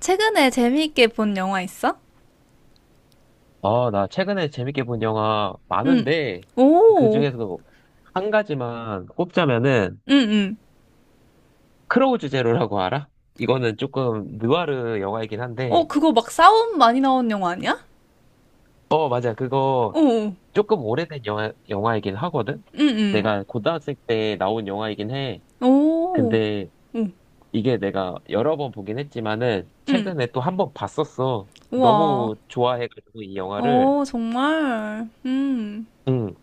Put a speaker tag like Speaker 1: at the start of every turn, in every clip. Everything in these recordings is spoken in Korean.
Speaker 1: 최근에 재미있게 본 영화 있어?
Speaker 2: 아, 나 최근에 재밌게 본 영화
Speaker 1: 응.
Speaker 2: 많은데, 그
Speaker 1: 오. 응,
Speaker 2: 중에서도 한 가지만 꼽자면은,
Speaker 1: 응.
Speaker 2: 크로우즈 제로라고 알아? 이거는 조금 느와르 영화이긴
Speaker 1: 어,
Speaker 2: 한데,
Speaker 1: 그거 막 싸움 많이 나온 영화 아니야?
Speaker 2: 어, 맞아. 그거
Speaker 1: 오.
Speaker 2: 조금 오래된 영화이긴 하거든?
Speaker 1: 응, 응.
Speaker 2: 내가 고등학생 때 나온 영화이긴 해.
Speaker 1: 오.
Speaker 2: 근데
Speaker 1: 오.
Speaker 2: 이게 내가 여러 번 보긴 했지만은,
Speaker 1: 응.
Speaker 2: 최근에 또 한 번 봤었어.
Speaker 1: 우와.
Speaker 2: 너무 좋아해가지고 이 영화를.
Speaker 1: 어, 정말. 음.
Speaker 2: 응.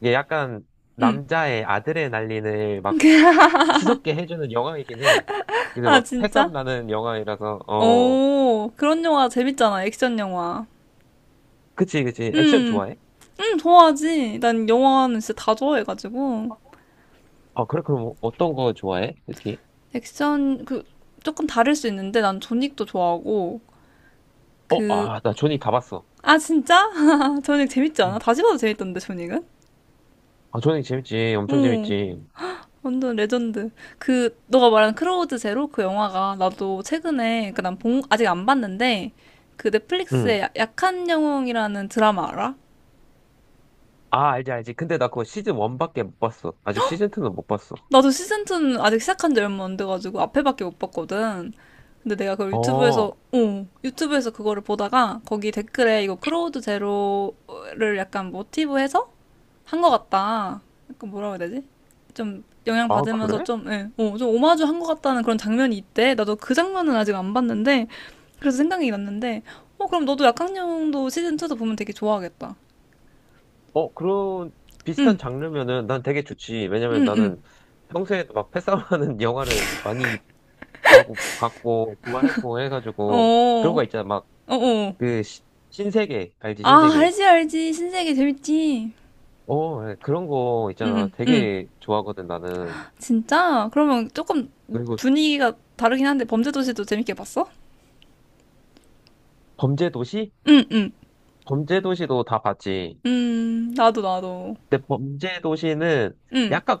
Speaker 2: 이게 약간
Speaker 1: 응.
Speaker 2: 남자의 아드레날린을 막 치솟게 해주는 영화이긴 해. 근데
Speaker 1: 아,
Speaker 2: 막
Speaker 1: 진짜?
Speaker 2: 해싸움 나는 영화이라서.
Speaker 1: 오. 그런 영화 재밌잖아. 액션 영화.
Speaker 2: 그치, 그치, 액션
Speaker 1: 응.
Speaker 2: 좋아해?
Speaker 1: 응, 좋아하지. 난 영화는 진짜 다 좋아해가지고.
Speaker 2: 아, 그래. 그럼 어떤 거 좋아해? 특히,
Speaker 1: 액션, 그, 조금 다를 수 있는데 난 조닉도 좋아하고, 그,
Speaker 2: 어아나 조니 다 봤어.
Speaker 1: 아, 진짜? 저닉 재밌지 않아?
Speaker 2: 응.
Speaker 1: 다시 봐도 재밌던데, 저닉은?
Speaker 2: 아, 조니 재밌지, 엄청
Speaker 1: 응,
Speaker 2: 재밌지.
Speaker 1: 완전 레전드. 그, 너가 말한 크로우드 제로 그 영화가 나도 최근에, 그 난 아직 안 봤는데, 그
Speaker 2: 응.
Speaker 1: 넷플릭스의 약한 영웅이라는 드라마 알아?
Speaker 2: 아, 알지, 알지. 근데 나 그거 시즌 1밖에 못 봤어. 아직 시즌 2는 못 봤어.
Speaker 1: 나도 시즌2는 아직 시작한 지 얼마 안 돼가지고 앞에밖에 못 봤거든. 근데 내가 그걸 유튜브에서,
Speaker 2: 어,
Speaker 1: 어, 유튜브에서 그거를 보다가 거기 댓글에 이거 크로우드 제로를 약간 모티브해서 한 것 같다. 약간 뭐라고 해야 되지? 영향
Speaker 2: 아,
Speaker 1: 받으면서
Speaker 2: 그래?
Speaker 1: 좀, 예, 좀 오마주 한 것 같다는 그런 장면이 있대. 나도 그 장면은 아직 안 봤는데, 그래서 생각이 났는데, 어, 그럼 너도 약학령도 시즌2도 보면 되게 좋아하겠다.
Speaker 2: 어, 그런
Speaker 1: 응,
Speaker 2: 비슷한 장르면은 난 되게 좋지. 왜냐면
Speaker 1: 응, 응.
Speaker 2: 나는 평소에도 막 패싸움하는 영화를 많이 봤고, 좋아했고
Speaker 1: 어,
Speaker 2: 해가지고, 그런
Speaker 1: 어,
Speaker 2: 거 있잖아.
Speaker 1: 어.
Speaker 2: 그 시- 신세계 알지,
Speaker 1: 아,
Speaker 2: 신세계.
Speaker 1: 알지, 알지. 신세계 재밌지.
Speaker 2: 어, 네. 그런 거
Speaker 1: 응,
Speaker 2: 있잖아,
Speaker 1: 응, 응.
Speaker 2: 되게 좋아하거든 나는.
Speaker 1: 진짜? 그러면 조금
Speaker 2: 그리고
Speaker 1: 분위기가 다르긴 한데, 범죄도시도 재밌게 봤어?
Speaker 2: 범죄도시.
Speaker 1: 응, 응.
Speaker 2: 범죄도시도 다 봤지.
Speaker 1: 나도, 나도.
Speaker 2: 근데 범죄도시는
Speaker 1: 응.
Speaker 2: 약간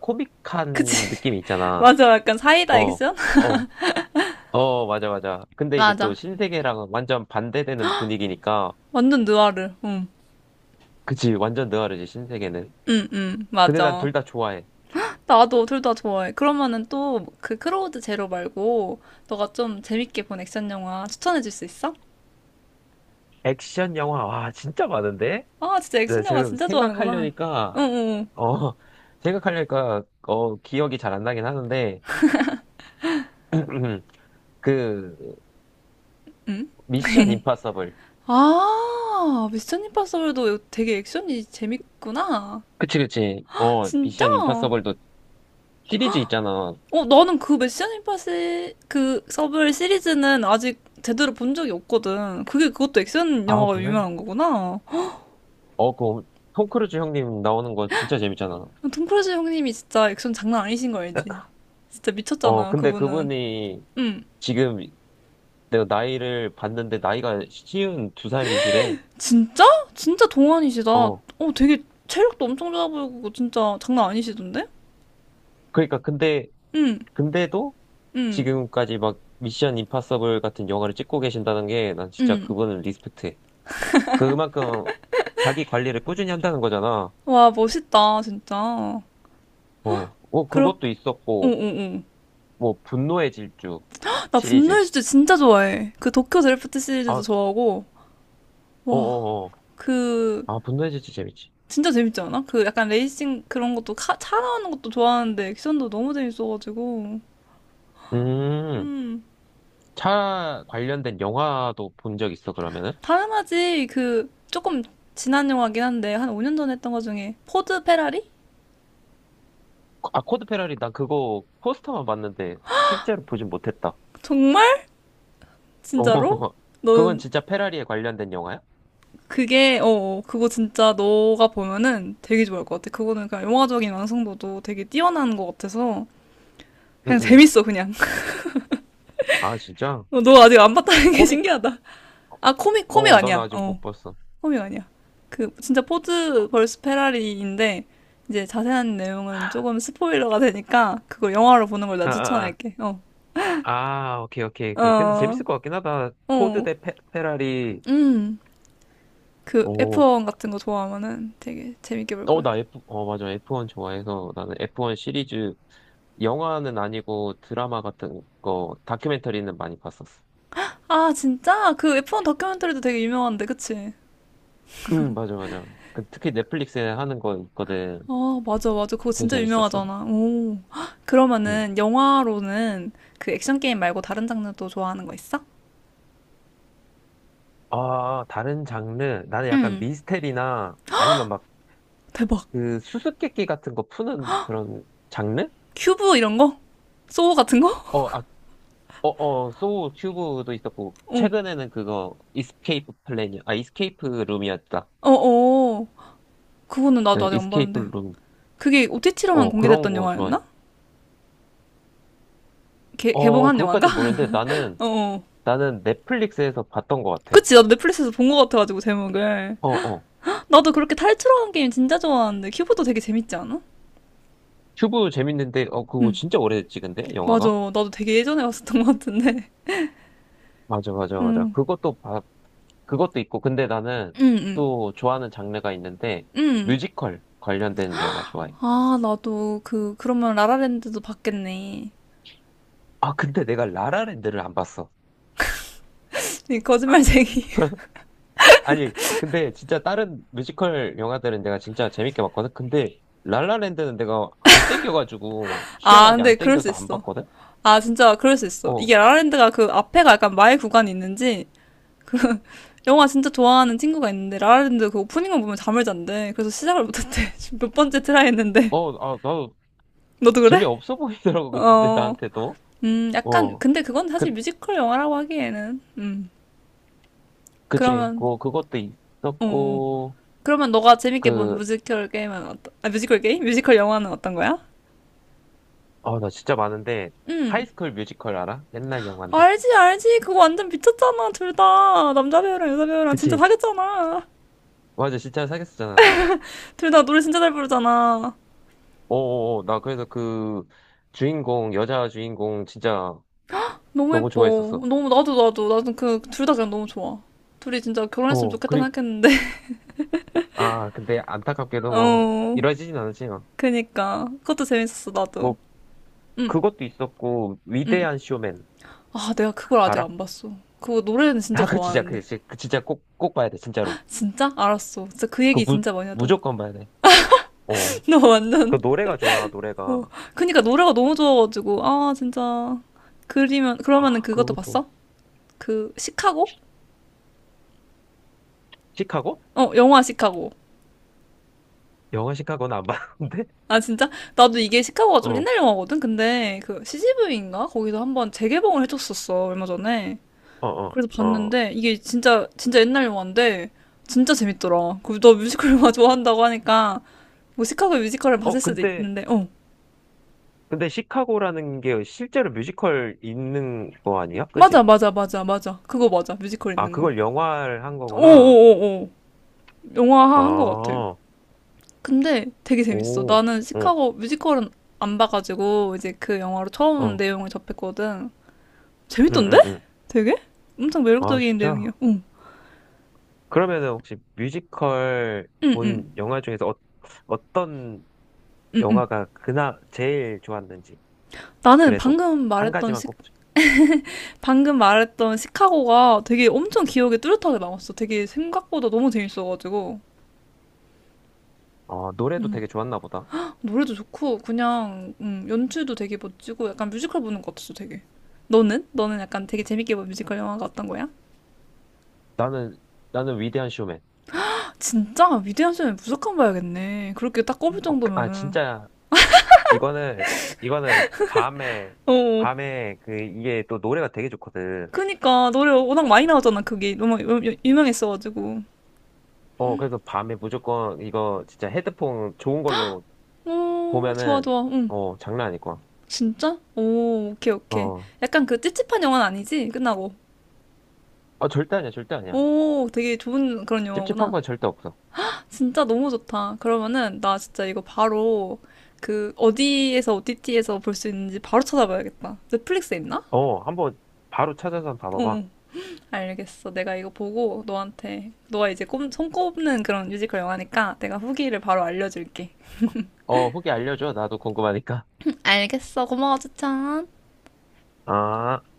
Speaker 1: 그치.
Speaker 2: 코믹한 느낌이 있잖아.
Speaker 1: 맞아. 약간 사이다
Speaker 2: 어,
Speaker 1: 액션?
Speaker 2: 어, 어, 맞아, 맞아. 근데 이제 또
Speaker 1: 맞아.
Speaker 2: 신세계랑은 완전 반대되는 분위기니까,
Speaker 1: 완전 느와르. 응.
Speaker 2: 그치, 완전 느와르지, 신세계는.
Speaker 1: 응응
Speaker 2: 근데 난
Speaker 1: 맞아.
Speaker 2: 둘 다 좋아해.
Speaker 1: 나도 둘 다 좋아해. 그러면은 또 그 크로우드 제로 말고 너가 좀 재밌게 본 액션 영화 추천해 줄 수 있어?
Speaker 2: 액션 영화, 와, 진짜 많은데?
Speaker 1: 아 진짜
Speaker 2: 네,
Speaker 1: 액션 영화
Speaker 2: 지금
Speaker 1: 진짜 좋아하는구나.
Speaker 2: 생각하려니까,
Speaker 1: 응응 응.
Speaker 2: 어, 생각하려니까, 기억이 잘 안 나긴 하는데, 그,
Speaker 1: 응. 응?
Speaker 2: 미션 임파서블.
Speaker 1: 아 미션 임파서블도 되게 액션이 재밌구나.
Speaker 2: 그치, 그치. 어,
Speaker 1: 진짜?
Speaker 2: 미션 임파서블도 시리즈 있잖아.
Speaker 1: 어 나는 그 미션 임파시 그 서블 시리즈는 아직 제대로 본 적이 없거든. 그게 그것도 액션
Speaker 2: 아,
Speaker 1: 영화가
Speaker 2: 그래?
Speaker 1: 유명한 거구나.
Speaker 2: 어, 그, 톰 크루즈 형님 나오는 거 진짜 재밌잖아.
Speaker 1: 톰 크루즈 형님이 진짜 액션 장난 아니신 거 알지? 진짜
Speaker 2: 어,
Speaker 1: 미쳤잖아,
Speaker 2: 근데
Speaker 1: 그분은.
Speaker 2: 그분이
Speaker 1: 응.
Speaker 2: 지금 내가 나이를 봤는데 나이가 쉬운 두 살이시래.
Speaker 1: 진짜? 진짜 동안이시다. 어,
Speaker 2: 어,
Speaker 1: 되게 체력도 엄청 좋아 보이고, 진짜 장난 아니시던데?
Speaker 2: 그러니까
Speaker 1: 응,
Speaker 2: 근데도
Speaker 1: 응,
Speaker 2: 지금까지 막 미션 임파서블 같은 영화를 찍고 계신다는 게 난 진짜
Speaker 1: 응.
Speaker 2: 그분을 리스펙트해. 그만큼 자기 관리를 꾸준히 한다는 거잖아.
Speaker 1: 와, 멋있다, 진짜.
Speaker 2: 어, 어,
Speaker 1: 그럼,
Speaker 2: 그것도
Speaker 1: 어, 어,
Speaker 2: 있었고,
Speaker 1: 어.
Speaker 2: 뭐, 분노의 질주
Speaker 1: 나 분노의
Speaker 2: 시리즈.
Speaker 1: 주제 진짜 좋아해. 그 도쿄 드래프트 시리즈도
Speaker 2: 아,
Speaker 1: 좋아하고, 와,
Speaker 2: 어어어.
Speaker 1: 그,
Speaker 2: 아, 분노의 질주 재밌지.
Speaker 1: 진짜 재밌지 않아? 그 약간 레이싱 그런 것도 차 나오는 것도 좋아하는데 액션도 너무 재밌어가지고.
Speaker 2: 음,
Speaker 1: 음.
Speaker 2: 차 관련된 영화도 본 적 있어, 그러면은?
Speaker 1: 당연하지. 그 조금 지난 영화긴 한데 한 5년 전에 했던 거 중에 포드 페라리?
Speaker 2: 아, 코드 페라리 난 그거 포스터만 봤는데 실제로 보진 못했다.
Speaker 1: 정말?
Speaker 2: 어,
Speaker 1: 진짜로?
Speaker 2: 그건
Speaker 1: 넌
Speaker 2: 진짜 페라리에 관련된 영화야?
Speaker 1: 그게 어 어, 그거 진짜 너가 보면은 되게 좋아할 것 같아. 그거는 그냥 영화적인 완성도도 되게 뛰어난 것 같아서
Speaker 2: 응,
Speaker 1: 그냥
Speaker 2: 응.
Speaker 1: 재밌어 그냥.
Speaker 2: 아, 진짜?
Speaker 1: 어, 너 아직 안 봤다는 게
Speaker 2: 코믹?
Speaker 1: 신기하다. 아 코믹 코믹
Speaker 2: 어, 나는
Speaker 1: 아니야.
Speaker 2: 아직
Speaker 1: 어
Speaker 2: 못 봤어.
Speaker 1: 코믹 아니야. 그 진짜 포드 벌스 페라리인데 이제 자세한 내용은 조금 스포일러가 되니까 그걸 영화로 보는 걸 난
Speaker 2: 아, 아, 아.
Speaker 1: 추천할게. 어.
Speaker 2: 아, 오케이, 오케이, 오케이. 근데
Speaker 1: 어,
Speaker 2: 재밌을 것 같긴 하다. 포드
Speaker 1: 어,
Speaker 2: 대 페라리.
Speaker 1: 음, 그
Speaker 2: 오,
Speaker 1: F1 같은 거 좋아하면은 되게 재밌게 볼
Speaker 2: 어,
Speaker 1: 거야.
Speaker 2: 맞아. F1 좋아해서 나는 F1 시리즈, 영화는 아니고 드라마 같은 거, 다큐멘터리는 많이 봤었어.
Speaker 1: 아, 진짜? 그 F1 다큐멘터리도 되게 유명한데, 그치?
Speaker 2: 응, 맞아, 맞아. 그, 특히 넷플릭스에 하는 거 있거든.
Speaker 1: 아, 맞아, 맞아. 그거
Speaker 2: 되게
Speaker 1: 진짜
Speaker 2: 재밌었어.
Speaker 1: 유명하잖아. 오. 헉,
Speaker 2: 음.
Speaker 1: 그러면은 영화로는 그 액션 게임 말고 다른 장르도 좋아하는 거 있어?
Speaker 2: 아, 다른 장르. 나는 약간
Speaker 1: 응.
Speaker 2: 미스테리나 아니면 막
Speaker 1: 대박.
Speaker 2: 그 수수께끼 같은 거 푸는 그런 장르?
Speaker 1: 큐브 이런 거? 소우 같은 거?
Speaker 2: 어, 어, 소우 큐브도 있었고,
Speaker 1: 어,
Speaker 2: 최근에는 그거, 이스케이프 플랜이, 아, 이스케이프 룸이었다.
Speaker 1: 어, 어. 그거는 나도
Speaker 2: 네,
Speaker 1: 아직 안
Speaker 2: 이스케이프
Speaker 1: 봤는데.
Speaker 2: 룸.
Speaker 1: 그게 OTT로만
Speaker 2: 어, 그런
Speaker 1: 공개됐던
Speaker 2: 거 좋아해.
Speaker 1: 영화였나?
Speaker 2: 어,
Speaker 1: 개봉한 영화인가?
Speaker 2: 그것까지 모르는데, 나는,
Speaker 1: 어. 어.
Speaker 2: 나는 넷플릭스에서 봤던 것 같아.
Speaker 1: 그치, 나도 넷플릭스에서 본 거 같아가지고, 제목을.
Speaker 2: 어, 어.
Speaker 1: 나도 그렇게 탈출하는 게임 진짜 좋아하는데 큐브도 되게 재밌지 않아?
Speaker 2: 큐브 재밌는데, 그거
Speaker 1: 응,
Speaker 2: 진짜 오래됐지, 근데,
Speaker 1: 맞아.
Speaker 2: 영화가?
Speaker 1: 나도 되게 예전에 봤었던 것 같은데.
Speaker 2: 맞아, 맞아, 맞아.
Speaker 1: 응,
Speaker 2: 그것도 있고, 근데 나는
Speaker 1: 응, 응,
Speaker 2: 또 좋아하는 장르가 있는데,
Speaker 1: 응.
Speaker 2: 뮤지컬 관련된 영화 좋아해.
Speaker 1: 아, 나도 그 그러면 라라랜드도 봤겠네.
Speaker 2: 아, 근데 내가 라라랜드를 안 봤어.
Speaker 1: 이 거짓말쟁이.
Speaker 2: 아니, 근데 진짜 다른 뮤지컬 영화들은 내가 진짜 재밌게 봤거든? 근데 랄라랜드는 내가 안 땡겨가지고,
Speaker 1: 아,
Speaker 2: 희한하게
Speaker 1: 근데
Speaker 2: 안
Speaker 1: 그럴 수
Speaker 2: 땡겨서 안
Speaker 1: 있어.
Speaker 2: 봤거든?
Speaker 1: 아, 진짜 그럴 수 있어.
Speaker 2: 어,
Speaker 1: 이게 라라랜드가 그 앞에가 약간 마의 구간이 있는지 그 영화 진짜 좋아하는 친구가 있는데 라라랜드 그 오프닝만 보면 잠을 잔대. 그래서 시작을 못했대. 지금 몇 번째 트라이 했는데.
Speaker 2: 나도
Speaker 1: 너도 그래?
Speaker 2: 재미없어 보이더라고, 근데
Speaker 1: 어.
Speaker 2: 나한테도.
Speaker 1: 약간,
Speaker 2: 어,
Speaker 1: 근데 그건 사실
Speaker 2: 그,
Speaker 1: 뮤지컬 영화라고 하기에는,
Speaker 2: 그치.
Speaker 1: 그러면,
Speaker 2: 뭐, 그것도
Speaker 1: 어, 어.
Speaker 2: 있었고,
Speaker 1: 그러면 너가 재밌게 본
Speaker 2: 그,
Speaker 1: 뮤지컬 게임은 어떤, 아, 뮤지컬 게임? 뮤지컬 영화는 어떤 거야?
Speaker 2: 나 진짜 많은데,
Speaker 1: 음,
Speaker 2: 하이스쿨 뮤지컬 알아? 옛날 영화인데.
Speaker 1: 알지, 알지. 그거 완전 미쳤잖아, 둘 다. 남자 배우랑 여자 배우랑 진짜
Speaker 2: 그치.
Speaker 1: 사귀었잖아.
Speaker 2: 맞아, 진짜 사귀었잖아.
Speaker 1: 둘 다 노래 진짜 잘 부르잖아.
Speaker 2: 나 그래서 그 주인공, 여자 주인공 진짜
Speaker 1: 너무
Speaker 2: 너무
Speaker 1: 예뻐.
Speaker 2: 좋아했었어.
Speaker 1: 너무, 나도, 나도, 나도 그, 둘 다 그냥 너무 좋아. 둘이 진짜 결혼했으면
Speaker 2: 어,
Speaker 1: 좋겠다 생각했는데,
Speaker 2: 아, 근데 안타깝게도 뭐,
Speaker 1: 어,
Speaker 2: 이뤄지진 않았지만,
Speaker 1: 그니까. 그것도 재밌었어,
Speaker 2: 뭐,
Speaker 1: 나도.
Speaker 2: 뭐
Speaker 1: 응
Speaker 2: 그것도 있었고,
Speaker 1: 응
Speaker 2: 위대한 쇼맨,
Speaker 1: 아, 내가 그걸 아직
Speaker 2: 알아?
Speaker 1: 안 봤어. 그거 노래는 진짜
Speaker 2: 아, 그 진짜,
Speaker 1: 좋아하는데.
Speaker 2: 그, 진짜 그 진짜 꼭, 꼭 봐야 돼, 진짜로.
Speaker 1: 진짜? 알았어. 진짜 그
Speaker 2: 그
Speaker 1: 얘기
Speaker 2: 무,
Speaker 1: 진짜 많이 하더라.
Speaker 2: 무조건 봐야 돼. 어.
Speaker 1: 나
Speaker 2: 그
Speaker 1: 완전,
Speaker 2: 노래가 좋아,
Speaker 1: 어.
Speaker 2: 노래가.
Speaker 1: 그니까 노래가 너무 좋아가지고, 아, 진짜. 그러면은
Speaker 2: 아,
Speaker 1: 그것도
Speaker 2: 그것도.
Speaker 1: 봤어? 그, 시카고?
Speaker 2: 시카고?
Speaker 1: 어, 영화 시카고.
Speaker 2: 영화 시카고는 안 봤는데?
Speaker 1: 아, 진짜? 나도 이게 시카고가 좀
Speaker 2: 어,
Speaker 1: 옛날 영화거든? 근데 그 CGV인가? 거기서 한번 재개봉을 해줬었어, 얼마 전에.
Speaker 2: 어, 어,
Speaker 1: 그래서
Speaker 2: 어.
Speaker 1: 봤는데, 이게 진짜, 진짜 옛날 영화인데, 진짜 재밌더라. 그리고 너 뮤지컬 영화 좋아한다고 하니까, 뭐 시카고 뮤지컬을 봤을
Speaker 2: 어,
Speaker 1: 수도
Speaker 2: 근데,
Speaker 1: 있는데, 어.
Speaker 2: 근데 시카고라는 게 실제로 뮤지컬 있는 거 아니야? 그지?
Speaker 1: 맞아, 맞아, 맞아, 맞아. 그거 맞아. 뮤지컬
Speaker 2: 아,
Speaker 1: 있는 거.
Speaker 2: 그걸 영화를 한 거구나.
Speaker 1: 오오오오. 영화 한 거 같아.
Speaker 2: 아,
Speaker 1: 근데 되게 재밌어.
Speaker 2: 오,
Speaker 1: 나는
Speaker 2: 어,
Speaker 1: 시카고 뮤지컬은 안 봐가지고 이제 그 영화로 처음
Speaker 2: 어,
Speaker 1: 내용을 접했거든.
Speaker 2: 응,
Speaker 1: 재밌던데?
Speaker 2: 응, 응.
Speaker 1: 되게? 엄청
Speaker 2: 아,
Speaker 1: 매력적인 내용이야.
Speaker 2: 진짜?
Speaker 1: 응,
Speaker 2: 그러면은 혹시 뮤지컬
Speaker 1: 응, 응,
Speaker 2: 본 영화 중에서 어떤
Speaker 1: 응, 응.
Speaker 2: 영화가 그나 제일 좋았는지
Speaker 1: 나는
Speaker 2: 그래도
Speaker 1: 방금
Speaker 2: 한
Speaker 1: 말했던
Speaker 2: 가지만 꼭.
Speaker 1: 방금 말했던 시카고가 되게 엄청 기억에 뚜렷하게 남았어. 되게 생각보다 너무 재밌어가지고.
Speaker 2: 어, 노래도 되게 좋았나 보다.
Speaker 1: 노래도 좋고 그냥 연출도 되게 멋지고 약간 뮤지컬 보는 것 같았어 되게. 너는? 너는 약간 되게 재밌게 본 뮤지컬 영화가 어떤 거야?
Speaker 2: 나는 나는 위대한 쇼맨.
Speaker 1: 진짜 위대한 쇼녀는 무조건 봐야겠네. 그렇게 딱 꼽을
Speaker 2: 어, 그,
Speaker 1: 정도면은.
Speaker 2: 진짜 이거는 이거는 밤에
Speaker 1: 어. 어.
Speaker 2: 밤에 그 이게 또 노래가 되게 좋거든.
Speaker 1: 그니까 노래 워낙 많이 나오잖아 그게 너무 유명했어가지고.
Speaker 2: 어, 그래서 밤에 무조건 이거 진짜 헤드폰 좋은 걸로
Speaker 1: 오 좋아
Speaker 2: 보면은
Speaker 1: 좋아. 응.
Speaker 2: 장난 아닐 거야.
Speaker 1: 진짜? 오 오케이 오케이.
Speaker 2: 어,
Speaker 1: 약간 그 찝찝한 영화는 아니지? 끝나고.
Speaker 2: 아, 절대 아니야, 절대 아니야.
Speaker 1: 오 되게 좋은 그런
Speaker 2: 찝찝한
Speaker 1: 영화구나.
Speaker 2: 건 절대 없어.
Speaker 1: 진짜 너무 좋다. 그러면은 나 진짜 이거 바로 그 어디에서 OTT에서 볼 수 있는지 바로 찾아봐야겠다. 넷플릭스에 있나?
Speaker 2: 어, 한번 바로 찾아서 한번
Speaker 1: 응.
Speaker 2: 봐봐봐.
Speaker 1: 응. 알겠어. 내가 이거 보고 너한테 너가 이제 손꼽는 그런 뮤지컬 영화니까 내가 후기를 바로 알려줄게.
Speaker 2: 어, 후기 알려줘. 나도 궁금하니까.
Speaker 1: 응, 알겠어. 고마워, 추천.
Speaker 2: 아.